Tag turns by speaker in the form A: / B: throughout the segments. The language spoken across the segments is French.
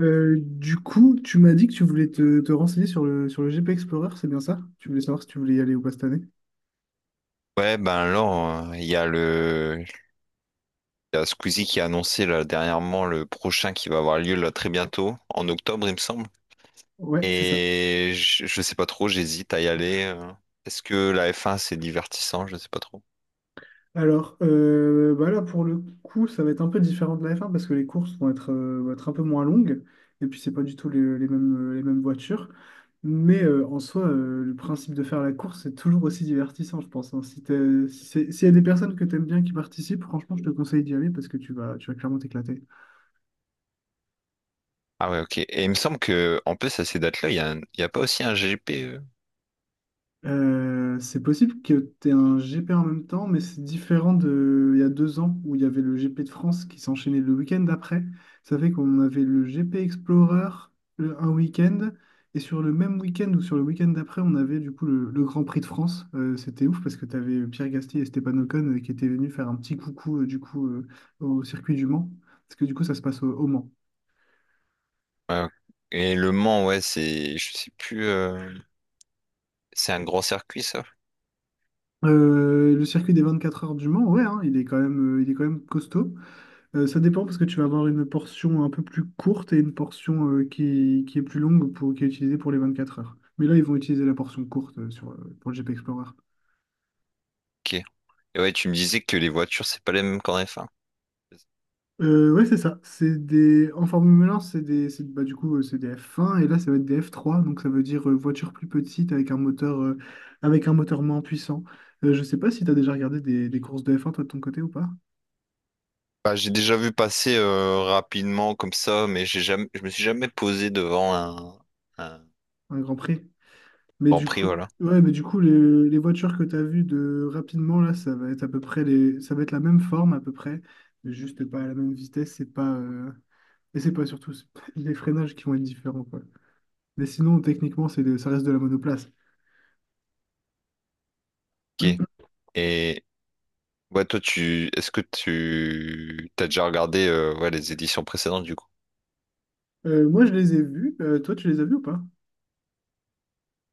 A: Du coup, tu m'as dit que tu voulais te renseigner sur le GP Explorer, c'est bien ça? Tu voulais savoir si tu voulais y aller ou pas cette année?
B: Ouais, ben alors, il y a Squeezie qui a annoncé là, dernièrement le prochain qui va avoir lieu là très bientôt, en octobre, il me semble.
A: Ouais, c'est ça.
B: Et je sais pas trop, j'hésite à y aller. Est-ce que la F1 c'est divertissant? Je sais pas trop.
A: Alors, bah là, pour le coup, ça va être un peu différent de la F1 parce que les courses vont être un peu moins longues, et puis c'est pas du tout les mêmes voitures. Mais en soi, le principe de faire la course, c'est toujours aussi divertissant, je pense, hein. Si t'es- si c'est- S'il y a des personnes que tu aimes bien qui participent, franchement, je te conseille d'y aller parce que tu vas clairement t'éclater.
B: Ah ouais, ok. Et il me semble que, en plus, à ces dates-là, il y a pas aussi un GP.
A: C'est possible que tu aies un GP en même temps, mais c'est différent de il y a deux ans où il y avait le GP de France qui s'enchaînait le week-end d'après. Ça fait qu'on avait le GP Explorer un week-end, et sur le même week-end ou sur le week-end d'après, on avait du coup le Grand Prix de France. C'était ouf parce que tu avais Pierre Gasly et Stéphane Ocon, qui étaient venus faire un petit coucou, du coup, au circuit du Mans, parce que du coup ça se passe au Mans.
B: Ouais, ok. Et Le Mans, ouais, c'est, je sais plus. C'est un grand circuit, ça?
A: Le circuit des 24 heures du Mans, ouais, hein, il est quand même, il est quand même costaud. Ça dépend parce que tu vas avoir une portion un peu plus courte et une portion, qui est plus longue qui est utilisée pour les 24 heures. Mais là, ils vont utiliser la portion courte, pour le GP Explorer.
B: Ok. Et ouais, tu me disais que les voitures, c'est pas les mêmes qu'en F1.
A: Ouais, c'est ça. En Formule 1, bah, du coup, c'est des F1 et là, ça va être des F3. Donc, ça veut dire, voiture plus petite avec un moteur moins puissant. Je sais pas si tu as déjà regardé des courses de F1, toi, de ton côté ou pas?
B: Bah, j'ai déjà vu passer rapidement comme ça, mais j'ai jamais, je me suis jamais posé devant un
A: Un Grand Prix? Mais
B: Grand
A: du
B: Prix,
A: coup,
B: voilà.
A: ouais, mais du coup, les voitures que tu as vues de rapidement, là, ça va être à peu près ça va être la même forme à peu près, mais juste pas à la même vitesse, c'est pas, et c'est pas les freinages qui vont être différents, quoi. Mais sinon, techniquement, ça reste de la monoplace.
B: Ok. Et ouais, toi, est-ce que tu, t'as déjà regardé ouais, les éditions précédentes du coup?
A: Moi, je les ai vus. Toi, tu les as vus ou pas?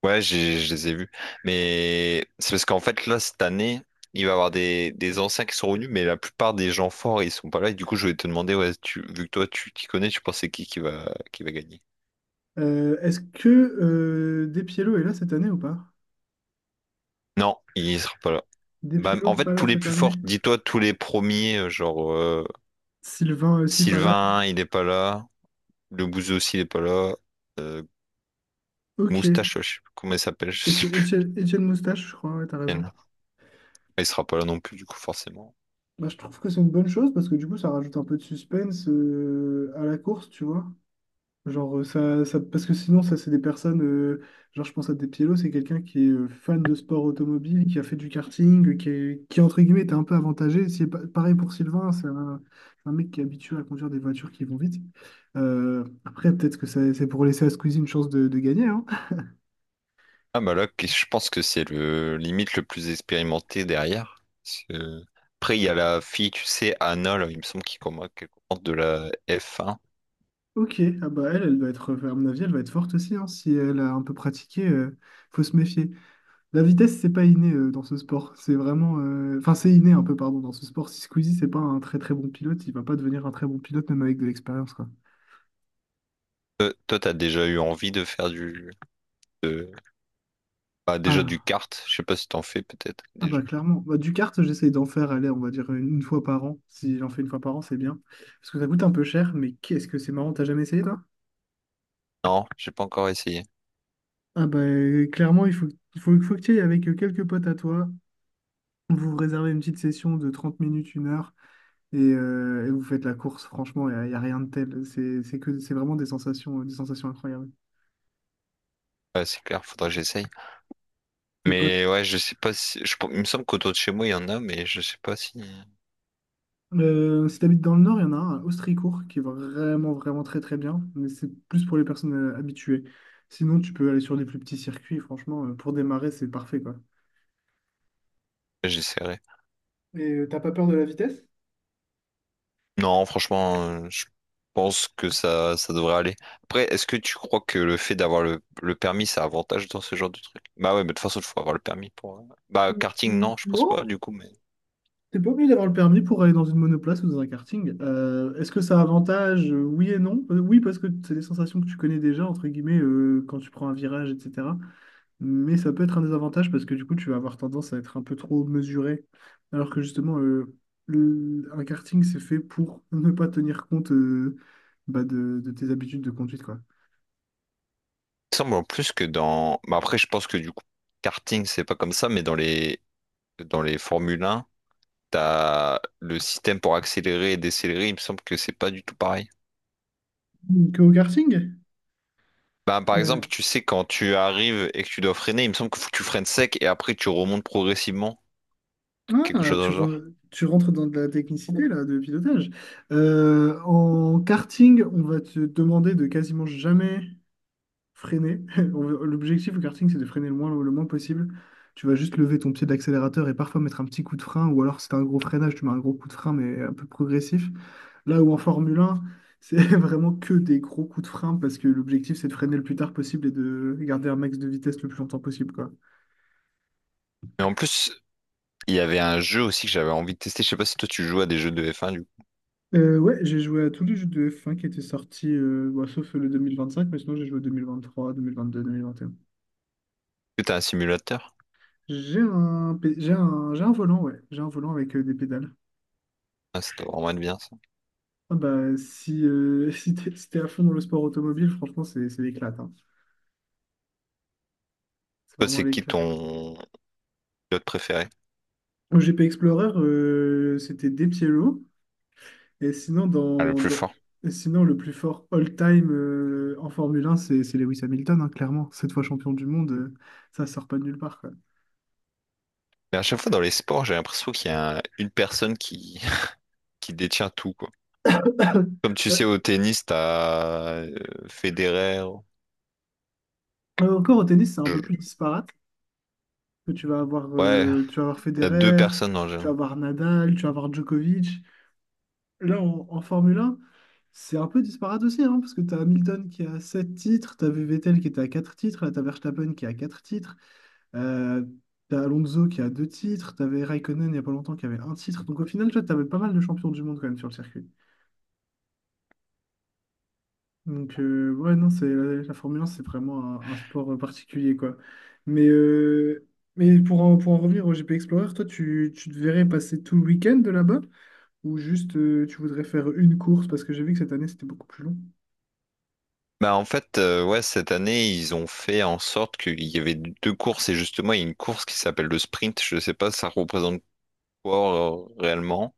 B: Ouais, je les ai vus. Mais c'est parce qu'en fait, là, cette année, il va y avoir des anciens qui sont revenus, mais la plupart des gens forts, ils sont pas là. Et du coup, je voulais te demander, ouais, tu, vu que toi, tu t'y connais, tu penses c'est qui va gagner?
A: Est-ce que, Despiello est là cette année ou pas?
B: Non, il sera pas là. Bah, en
A: Despiello pas
B: fait,
A: là
B: tous les
A: cette
B: plus
A: année?
B: forts, dis-toi, tous les premiers,
A: Sylvain aussi pas là?
B: Sylvain, il est pas là. Le Bouzeux aussi, il est pas là. Euh,
A: Ok.
B: Moustache, ouais, je sais plus comment il s'appelle, je sais plus.
A: Étienne Moustache, je crois, ouais, t'as raison.
B: Il sera pas là non plus, du coup, forcément.
A: Bah, je trouve que c'est une bonne chose parce que du coup, ça rajoute un peu de suspense, à la course, tu vois. Genre, parce que sinon, ça, c'est des personnes, genre, je pense à Depiello, c'est quelqu'un qui est, fan de sport automobile, qui a fait du karting, qui, entre guillemets, était un peu avantagé. C'est pareil pour Sylvain, c'est un mec qui est habitué à conduire des voitures qui vont vite. Après, peut-être que c'est pour laisser à Squeezie une chance de gagner, hein.
B: Ah, Moloch, je pense que c'est le limite le plus expérimenté derrière. Après, il y a la fille, tu sais, Anna, là, il me semble qu'elle commente de la f un.
A: Ok, ah bah elle va être, à mon avis, elle va être forte aussi, hein, si elle a un peu pratiqué, faut se méfier. La vitesse, c'est pas inné, dans ce sport. C'est vraiment. Enfin, c'est inné un peu, pardon, dans ce sport. Si Squeezie, c'est pas un très très bon pilote, il va pas devenir un très bon pilote, même avec de l'expérience, quoi.
B: Toi, t'as déjà eu envie de de- bah, déjà du
A: Ah.
B: kart. Je sais pas si t'en fais peut-être
A: Ah bah
B: déjà.
A: clairement. Bah, du kart, j'essaye d'en faire, allez, on va dire une fois par an. Si j'en fais une fois par an, c'est bien. Parce que ça coûte un peu cher, mais qu'est-ce que c'est marrant, t'as jamais essayé, toi?
B: Non, j'ai pas encore essayé.
A: Ah bah, clairement, faut que tu y ailles avec, quelques potes à toi. Vous vous réservez une petite session de 30 minutes, une heure, et vous faites la course. Franchement, y a rien de tel. C'est vraiment des sensations incroyables.
B: Ouais, c'est clair, faudrait que j'essaye.
A: C'est pas.
B: Mais ouais, je sais pas si, je- il me semble qu'autour de chez moi, il y en a, mais je sais pas si.
A: Si t'habites dans le nord, il y en a un à Austricourt qui est vraiment, vraiment très, très bien, mais c'est plus pour les personnes, habituées. Sinon, tu peux aller sur des plus petits circuits, franchement, pour démarrer, c'est parfait, quoi.
B: J'essaierai.
A: Et, t'as pas peur de la vitesse?
B: Non, franchement, je pense que ça devrait aller. Après, est-ce que tu crois que le fait d'avoir le permis, ça a avantage dans ce genre de truc? Bah ouais, mais de toute façon, il faut avoir le permis pour. Bah, karting,
A: Mm,
B: non, je pense pas,
A: non.
B: du coup, mais.
A: T'es pas obligé d'avoir le permis pour aller dans une monoplace ou dans un karting. Est-ce que ça a avantage? Oui et non. Oui, parce que c'est des sensations que tu connais déjà, entre guillemets, quand tu prends un virage, etc. Mais ça peut être un désavantage parce que du coup, tu vas avoir tendance à être un peu trop mesuré. Alors que justement, un karting, c'est fait pour ne pas tenir compte, bah, de tes habitudes de conduite, quoi.
B: Il semble en plus que dans. Bah après, je pense que du coup, karting, c'est pas comme ça, mais dans les Formule un t'as le système pour accélérer et décélérer, il me semble que c'est pas du tout pareil.
A: Que au karting?
B: Bah, par exemple,
A: Euh,
B: tu sais, quand tu arrives et que tu dois freiner, il me semble que faut que tu freines sec et après tu remontes progressivement, quelque
A: ah,
B: chose dans le genre.
A: tu rentres dans de la technicité là, de pilotage. En karting, on va te demander de quasiment jamais freiner. L'objectif au karting, c'est de freiner le moins possible. Tu vas juste lever ton pied d'accélérateur et parfois mettre un petit coup de frein, ou alors si t'as un gros freinage, tu mets un gros coup de frein, mais un peu progressif. Là où en Formule 1, c'est vraiment que des gros coups de frein parce que l'objectif, c'est de freiner le plus tard possible et de garder un max de vitesse le plus longtemps possible, quoi.
B: Mais en plus, il y avait un jeu aussi que j'avais envie de tester. Je sais pas si toi tu joues à des jeux de F1 du coup.
A: Ouais, j'ai joué à tous les jeux de F1 qui étaient sortis, bon, sauf le cinq. Mais sinon j'ai joué à 2023, 2022, un.
B: Est-ce que t'as un simulateur?
A: J'ai un volant, ouais, j'ai un volant avec, des pédales.
B: Ah, ça doit vraiment être bien ça.
A: Ah bah, si si t'es à fond dans le sport automobile, franchement, c'est l'éclate, hein. C'est
B: Toi,
A: vraiment
B: c'est qui
A: l'éclate.
B: ton pilote préféré?
A: Au GP Explorer, c'était De Piero. Et sinon,
B: Ah, le
A: dans,
B: plus
A: dans-
B: fort.
A: et sinon, le plus fort all-time, en Formule 1, c'est Lewis Hamilton, hein, clairement. Cette fois champion du monde, ça sort pas de nulle part, quoi.
B: Mais à chaque fois dans les sports, j'ai l'impression qu'il y a une personne qui... qui détient tout, quoi. Comme tu
A: Euh,
B: sais, au tennis, t'as Federer.
A: Encore au tennis, c'est un peu plus
B: Je-
A: disparate. Que tu vas avoir,
B: Ouais,
A: euh, tu vas avoir
B: il y a deux
A: Federer,
B: personnes en
A: tu vas
B: général.
A: avoir Nadal, tu vas avoir Djokovic. Là, en Formule 1, c'est un peu disparate aussi, hein, parce que tu as Hamilton qui a 7 titres, tu avais Vettel qui était à 4 titres, là, tu as Verstappen qui a 4 titres, euh, tu as Alonso qui a 2 titres, tu avais Raikkonen il n'y a pas longtemps qui avait un titre. Donc au final, tu avais pas mal de champions du monde quand même sur le circuit. Donc, ouais, non, la Formule 1, c'est vraiment un sport, particulier, quoi. Mais, euh, mais pour en revenir au GP Explorer, toi, tu te verrais passer tout le week-end de là-bas? Ou juste, tu voudrais faire une course? Parce que j'ai vu que cette année, c'était beaucoup plus long.
B: Bah en fait, ouais, cette année, ils ont fait en sorte qu'il y avait deux courses et justement, il y a une course qui s'appelle le sprint. Je sais pas, ça représente quoi réellement?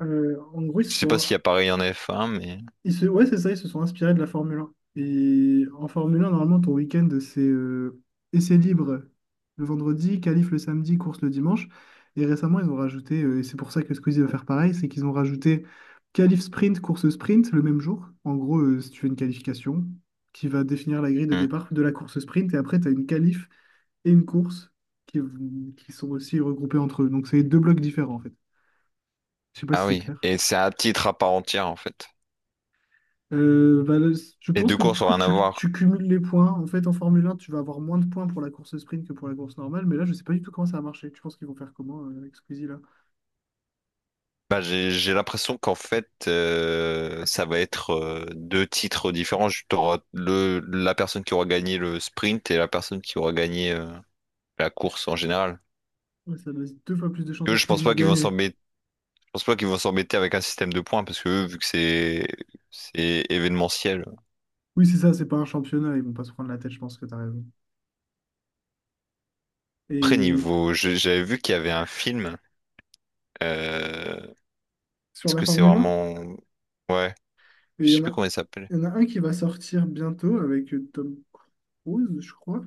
A: En gros, ils
B: Je
A: se
B: sais pas s'il
A: sont...
B: y a pareil en F1, mais...
A: ils se- ouais, c'est ça, ils se sont inspirés de la Formule 1. Et en Formule 1, normalement, ton week-end, c'est, essai libre le vendredi, qualif le samedi, course le dimanche. Et récemment, ils ont rajouté, et c'est pour ça que Squeezie va faire pareil, c'est qu'ils ont rajouté qualif sprint, course sprint le même jour. En gros, si tu fais une qualification qui va définir la grille de
B: Hmm.
A: départ de la course sprint, et après, tu as une qualif et une course qui, qui sont aussi regroupées entre eux. Donc, c'est deux blocs différents, en fait. Je sais pas si
B: Ah
A: c'est
B: oui,
A: clair.
B: et c'est à titre à part entière, en fait.
A: Bah, je
B: Les
A: pense
B: deux
A: que du
B: courses ont
A: coup,
B: rien à
A: tu,
B: voir.
A: tu cumules les points. En fait, en Formule 1, tu vas avoir moins de points pour la course sprint que pour la course normale. Mais là, je sais pas du tout comment ça va marcher. Tu penses qu'ils vont faire comment, avec Squeezie là?
B: Bah, j'ai l'impression qu'en fait, ça va être deux titres différents. T'auras la personne qui aura gagné le sprint et la personne qui aura gagné la course en général.
A: Ouais, ça laisse deux fois plus de chances à
B: Eux,
A: Squeezie de gagner.
B: je pense pas qu'ils vont s'embêter avec un système de points parce que eux, c'est événementiel.
A: Oui, c'est ça, c'est pas un championnat. Ils vont pas se prendre la tête, je pense que tu as raison.
B: Après,
A: Et
B: j'avais vu qu'il y avait un film. euh,
A: sur
B: est-ce
A: la
B: que c'est
A: Formule 1,
B: vraiment... Ouais,
A: il
B: je
A: y
B: sais
A: en
B: plus
A: a,
B: comment il s'appelle.
A: il y en a un qui va sortir bientôt avec, Tom Cruise, je crois.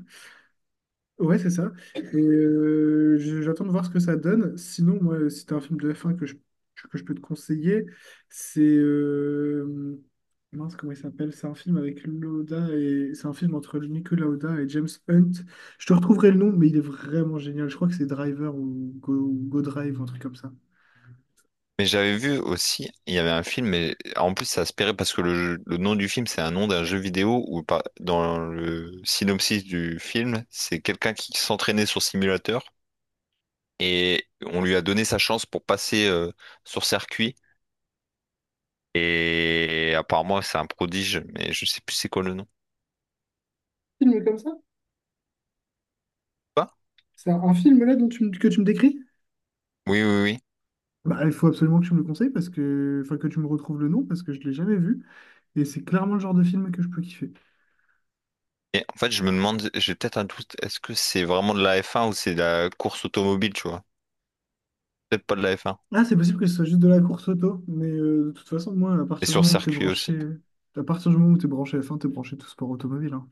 A: Ouais, c'est ça. Et j'attends de voir ce que ça donne. Sinon, moi, si t'as un film de F1 que je peux te conseiller, c'est, mince, comment il s'appelle? C'est un film avec Lauda et c'est un film entre Nicolas Lauda et James Hunt. Je te retrouverai le nom, mais il est vraiment génial. Je crois que c'est Driver ou Go Drive, un truc comme ça.
B: Mais j'avais vu aussi, il y avait un film, mais en plus ça aspirait parce que le nom du film, c'est un nom d'un jeu vidéo dans le synopsis du film, c'est quelqu'un qui s'entraînait sur simulateur et on lui a donné sa chance pour passer sur circuit. Et apparemment, c'est un prodige, mais je sais plus c'est quoi le nom.
A: Film comme ça?
B: Pas?
A: C'est un film là dont que tu me décris?
B: Oui, oui, oui.
A: Bah, il faut absolument que tu me le conseilles parce que, enfin, que tu me retrouves le nom parce que je l'ai jamais vu. Et c'est clairement le genre de film que je peux kiffer.
B: Et en fait, je me demande, j'ai peut-être un doute, est-ce que c'est vraiment de la F1 ou c'est de la course automobile, tu vois? Peut-être pas de la F1.
A: Ah, c'est possible que ce soit juste de la course auto, mais de toute façon, moi,
B: Et sur circuit aussi.
A: à partir du moment où t'es branché F1, t'es branché tout sport automobile, hein.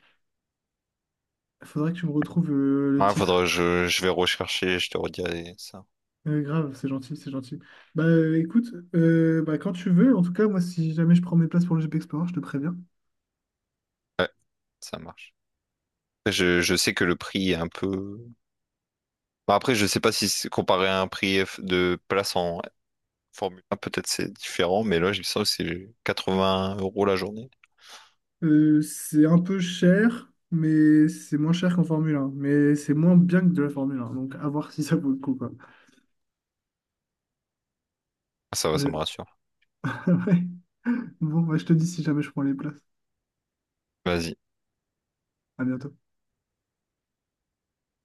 A: Faudrait que tu me retrouves, le
B: Ouais, faudra que
A: titre.
B: je vais rechercher, je te redirai ça.
A: Grave, c'est gentil, c'est gentil. Bah, écoute, bah, quand tu veux, en tout cas, moi, si jamais je prends mes places pour le GP Explorer, je te préviens.
B: Ouais, ça marche. Je sais que le prix est un peu... Bah, après, je sais pas si c'est comparé à un prix de place en Formule 1, peut-être c'est différent, mais là, je sens que c'est 80 € la journée.
A: C'est un peu cher, mais c'est moins cher qu'en Formule 1, mais c'est moins bien que de la Formule 1, donc à voir si ça vaut le coup, quoi.
B: Ah, ça va, ça me
A: Mais-
B: rassure.
A: ouais. Bon, bah, je te dis si jamais je prends les places.
B: Vas-y.
A: À bientôt.